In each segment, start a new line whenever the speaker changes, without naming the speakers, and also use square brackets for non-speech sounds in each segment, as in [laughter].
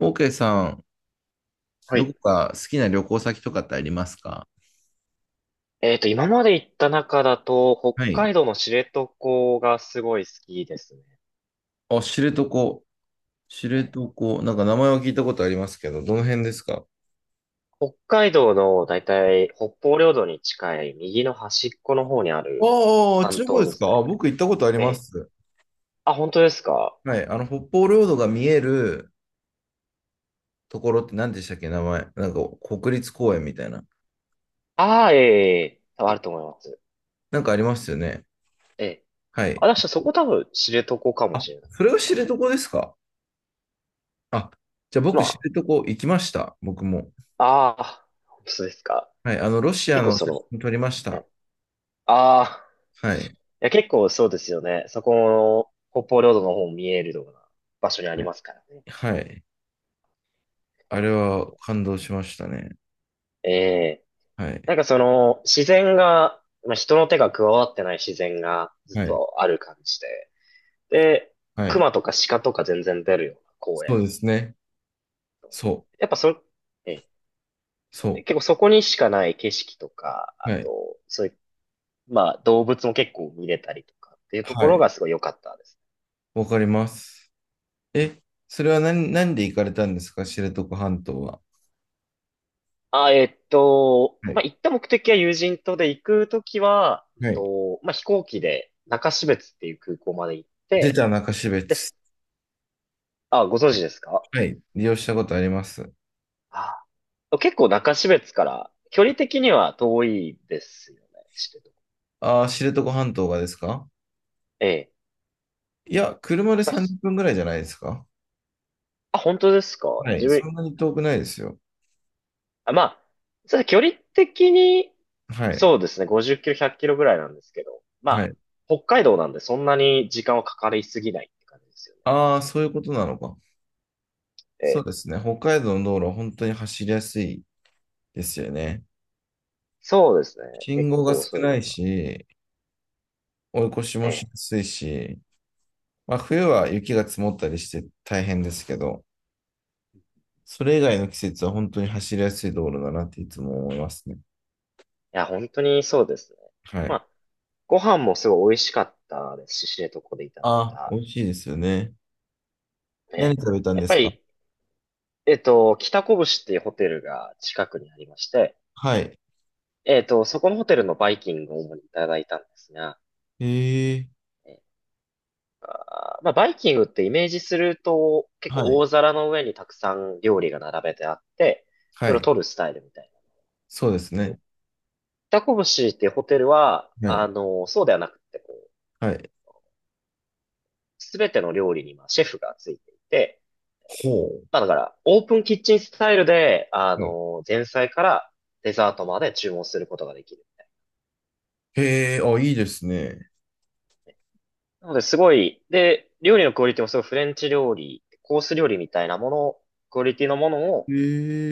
オーケーさん、
は
どこ
い。
か好きな旅行先とかってありますか？
今まで行った中だと、北
はい。
海道の知床がすごい好きですね。
あ、知床。知床。なんか名前は聞いたことありますけど、どの辺ですか？
北海道のだいたい北方領土に近い右の端っこの方にあ
あ
る
あ、あっち
半
の方
島
で
で
す
す
か？あ、
ね。
僕行ったことあり
え
ま
え。
す。
あ、本当ですか？
はい。北方領土が見えるところって何でしたっけ名前。なんか国立公園みたいな。
ああ、ええ、ええ多分あると思います。
なんかありますよね。
ええ。
は
あ、
い。
だからそこ多分知床かも
あ、
しれないで
それが
す。
知床ですか？あ、じゃあ僕
ま
知床行きました。僕も。
あ、ああ、そうですか。
はい。ロシア
結構
の
そ
写
の、
真撮りました。
ね、ああ、
はい。
いや結構そうですよね。そこの北方領土の方も見えるような場所にあ
は
り
い。
ますからね。
はい。あれは感動しましたね。
ええ。
はい。
なんかその、自然が、まあ、人の手が加わってない自然がずっ
はい。
とある感じで。で、
はい。
熊とか鹿とか全然出るような公園。
そうですね。そ
やっぱそ、え
う。
え、
そ
結構そこにしかない景色とか、
う。
あ
はい。
と、そういう、まあ動物も結構見れたりとかっていうと
は
ころ
い。
がすごい良かったです。
わかります。え、それは何で行かれたんですか？知床半島は。
あ、
は
まあ
い。
行った目的は友人とで行くときは、
はい。
まあ飛行機で中標津っていう空港まで行っ
出
て、
た中標
で
津。
す。あ、ご存
は
知
い。
ですか？
はい。利用したことあります。
あ、結構中標津から距離的には遠いですよね。知ってるとこ、
ああ、知床半島がですか？
ええ。
いや、車で
まあ、ひ
30分ぐらいじゃないですか？
あ、本当ですか？
はい。
自
そ
分、
んなに遠くないですよ。
あ、まあ、そう距離的に、
はい。
そうですね、50キロ、100キロぐらいなんですけど、ま
は
あ、
い。
北海道なんでそんなに時間はかかりすぎないって感じですよね。
ああ、そういうことなのか。
え
そう
え。
ですね。北海道の道路は本当に走りやすいですよね。
そうですね。
信
結
号が
構
少
そういう意
な
味
い
では。
し、追い越し
え
もし
え。
やすいし、まあ、冬は雪が積もったりして大変ですけど、それ以外の季節は本当に走りやすい道路だなっていつも思いますね。
いや、本当にそうですね。
は
ま
い。
あ、ご飯もすごい美味しかったですし、知床でいただい
あ、
た。
美味しいですよね。
え
何
え。
食べたん
やっ
で
ぱ
すか？
り、北こぶしっていうホテルが近くにありまして、
はい。
そこのホテルのバイキングを主にいただいたんですが、
へえ。
えーまあ、バイキングってイメージすると、結
は
構
い。
大皿の上にたくさん料理が並べてあって、
は
それを
い。
取るスタイルみたいなんで
そうで
す
す
け
ね。
ど、北こぶしっていうホテルは、
は
あ
い。
の、そうではなくて、こう、
はい。
すべての料理にまあシェフがついていて、
ほ
まあだから、オープンキッチンスタイルで、あ
う。はい。
の、前菜からデザートまで注文することができる。
へえ、あ、いいですね。
なので、すごい、で、料理のクオリティもすごいフレンチ料理、コース料理みたいなもの、クオリティのものを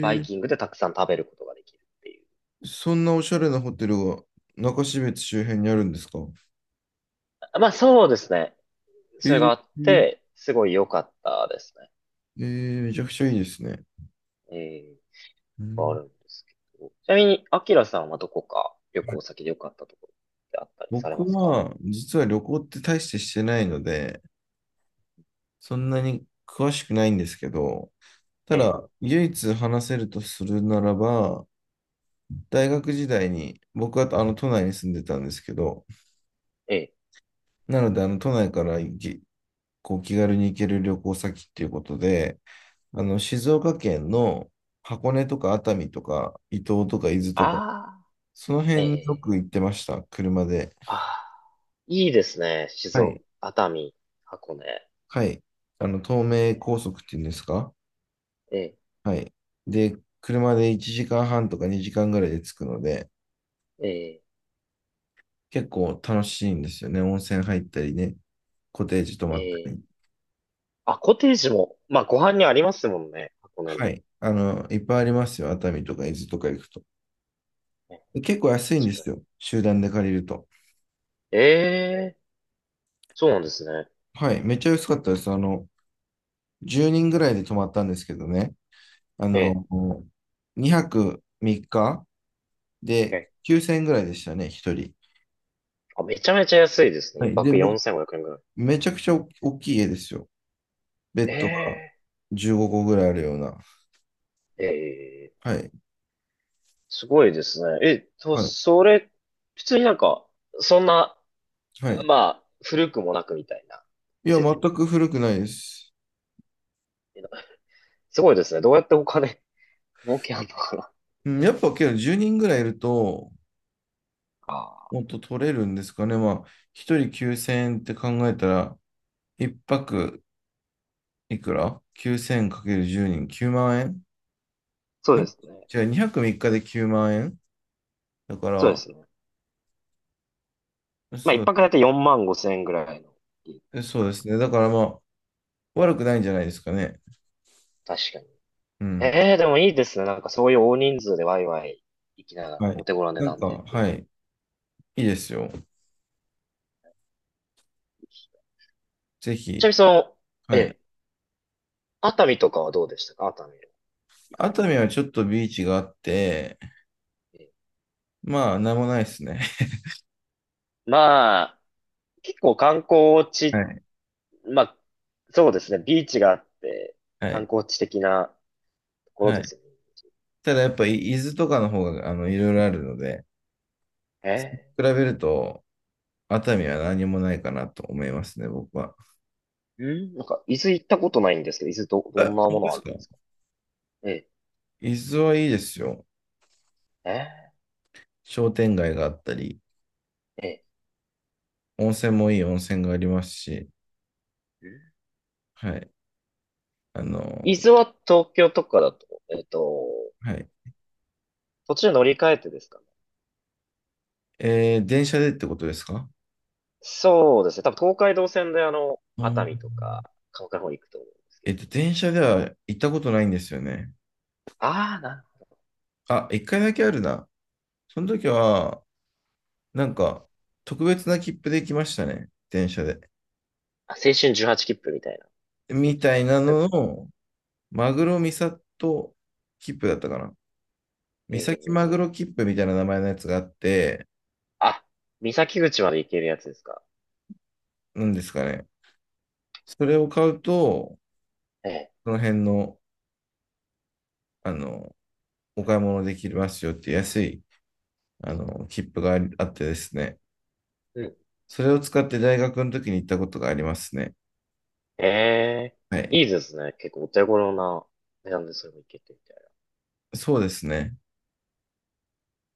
バイ
え。
キングでたくさん食べることができるっていう。
そんなおしゃれなホテルが中標津周辺にあるんですか？
あ、まあ、そうですね。それ
へ
があっ
え。
て、すごい良かったですね。
めちゃくちゃいいですね。
ええ、
う
あ
ん。
るんですけど。ちなみに、アキラさんはどこか旅行先で良かったところってあったりされ
僕
ますか？
は、実は旅行って大してしてないので、そんなに詳しくないんですけど、た
ええ、
だ、唯一話せるとするならば、大学時代に、僕はあの都内に住んでたんですけど、
ええ。
なので、あの都内から行き、こう気軽に行ける旅行先っていうことで、あの静岡県の箱根とか熱海とか伊東とか伊豆と
あ
か、その
あ、
辺
え
によく
え、
行ってました、車で。
ああ、いいですね。静
はい。
岡、熱海、箱根。
はい。東名高速っていうんですか？
ええ、
はい。で、車で1時間半とか2時間ぐらいで着くので、
ええ、
結構楽しいんですよね。温泉入ったりね、コテージ泊ま
え
った
え。
り。
あ、コテージも、まあ、ご飯にありますもんね。箱根
は
の。
い。いっぱいありますよ。熱海とか伊豆とか行くと。
ね、
で結構安いん
確
です
か
よ。集団で借りると。
に。ええ、そうなんですね。
はい。めっちゃ安かったです。10人ぐらいで泊まったんですけどね。あ
ええ。
の、2泊3日で
ええ、
9000円ぐらいでしたね、1人。
あ、めちゃめちゃ安いですね。
は
一
い。で、
泊4500円ぐらい。
めちゃくちゃ大きい家ですよ。ベッドが
え
15個ぐらいあるような。
え、ええ、
はい。
すごいですね。え、と、
はい。
それ、普通になんか、そんな、
はい。
まあ、古くもなくみたいな
いや、
設
全
備。
く古くないです。
すごいですね。どうやってお金儲けあんのかな。
うん、やっぱけど10人ぐらいいると、
ああ、
もっと取れるんですかね。まあ、1人9000円って考えたら、1泊いくら ?9000×10 人、9万円。
そう
ん
ですね。
じゃあ2泊3日で9万円だ
そうで
か
すね。
ら、
まあ、
そ
一
う、
泊だいたい4万5千円ぐらいの利益っていう
そうで
か。
すね。だからまあ、悪くないんじゃないですかね。
確かに。
うん。
ええ、でもいいですね。なんかそういう大人数でワイワイ行きながら、
は
お
い。
手頃な値
なん
段
か、
でっていう。
はい。いいですよ。ぜ
ちな
ひ、
みにその、え
はい。
え、熱海とかはどうでしたか？熱海行かれ
熱
たっ
海
て。
はちょっとビーチがあって、
ええ、
まあ、なんもないですね。
まあ、結構観光
[laughs] は
地、
い。
まあ、そうですね。ビーチがあって、
は
観
い。
光地的なところ
は
で
い。
すよね。
ただやっぱり伊豆とかの方が、いろいろあるので、
え
比べると、熱海は何もないかなと思いますね、僕は。
え、うん、なんか、伊豆行ったことないんですけど、伊豆ど、どん
あ、
な
本当
も
で
のあ
す
るん
か？
ですか？ええ、
伊豆はいいですよ。
え
商店街があったり、
え、ええ。
温泉もいい温泉がありますし、
うん、
はい。あの、
伊豆は東京とかだと、
はい。
途中乗り換えてですか？
電車でってことですか？
そうですね。多分東海道線であの、
う
熱
ん。
海とか、鹿児島の方行くと思うんですけど。
電車では行ったことないんですよね。
ああ、なるほど。
あ、一回だけあるな。その時は、なんか、特別な切符で来ましたね。電車で。
あ、青春18切符みたいな。
みたいな
えっ
の
と、
を、マグロミサト切符だったかな。三
え
崎
ええ
マグ
え、
ロ切符みたいな名前のやつがあって、
あ、三崎口まで行けるやつですか。
なんですかね。それを買うと、
ええ。
その辺の、あの、お買い物できますよっていう安い、切符があってですね。
うん。
それを使って大学の時に行ったことがありますね。
ええ、
はい。
いいですね。結構お手頃な値段でそれも行けてみたい
そうですね。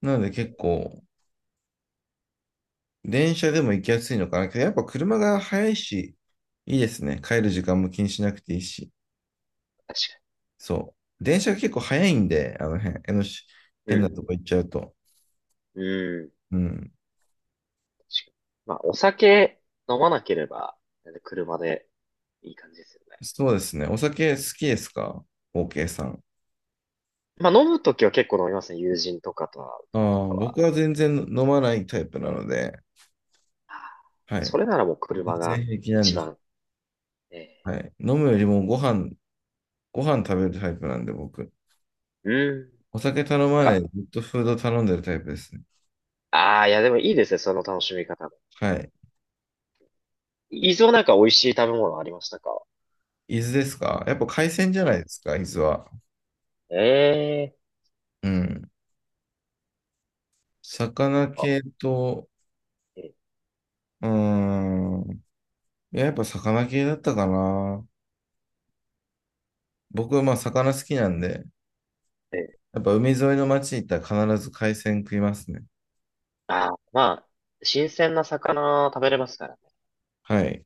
なので結構、電車でも行きやすいのかな。やっぱ車が早いし、いいですね。帰る時間も気にしなくていいし。
な。確か
そう。電車が結構早いんで、あの辺、江のし変なと
に。
こ行っちゃうと。
うん。うん。
うん。
確かに。まあ、お酒飲まなければ、車でいい感じですよね。
そうですね。お酒好きですか ?OK さん。
まあ、飲むときは結構飲みますね。友人とかと会う
あ
ときと
あ、
かは。
僕は全然飲まないタイプなので、は
そ
い。
れならもう
全
車が
然平気なん
一
です。
番。え
はい。飲むよりもご飯食べるタイプなんで、僕。
ー、うん。
お酒頼
なん
まないで、
か、
ずっとフード頼んでるタイプですね。
ああ、いやでもいいですね、その楽しみ方も。
はい。
いずれなんか美味しい食べ物ありましたか？
伊豆ですか？やっぱ海鮮じゃな
え
いですか、伊豆は。
え、え
うん。魚
ー、なんか、
系と、
え
うーん。いや、やっぱ魚系だったかな。僕はまあ魚好きなんで、
ー、えー、
やっぱ海沿いの町に行ったら必ず海鮮食いますね。
ああ、まあ、新鮮な魚食べれますからね。
はい。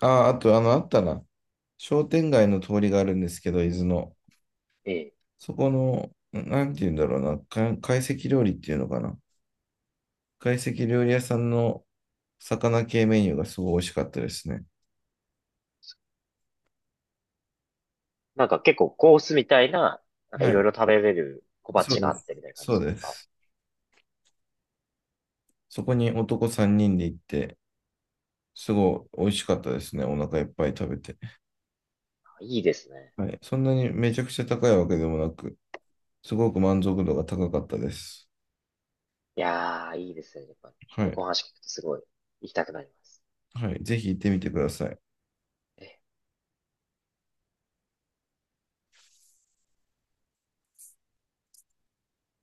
あ、あと、あったな。商店街の通りがあるんですけど、伊豆の。
ええ、
そこの、なんて言うんだろうな。懐石料理っていうのかな。懐石料理屋さんの魚系メニューがすごい美味しかったですね。
なんか結構コースみたいな、なんか
は
いろい
い。
ろ食べれる小
そう
鉢が
で
あっ
す。
てみたいな感
そ
じ
う
で
で
すか？
す。そこに男3人で行って、すごい美味しかったですね。お腹いっぱい食べて。
あ、いいですね。
はい。そんなにめちゃくちゃ高いわけでもなく、すごく満足度が高かったです。
いやー、いいですね。やっぱり、
は
旅行
い。
の話聞くとすごい行きたくなります。
はい。ぜひ行ってみてください。
えー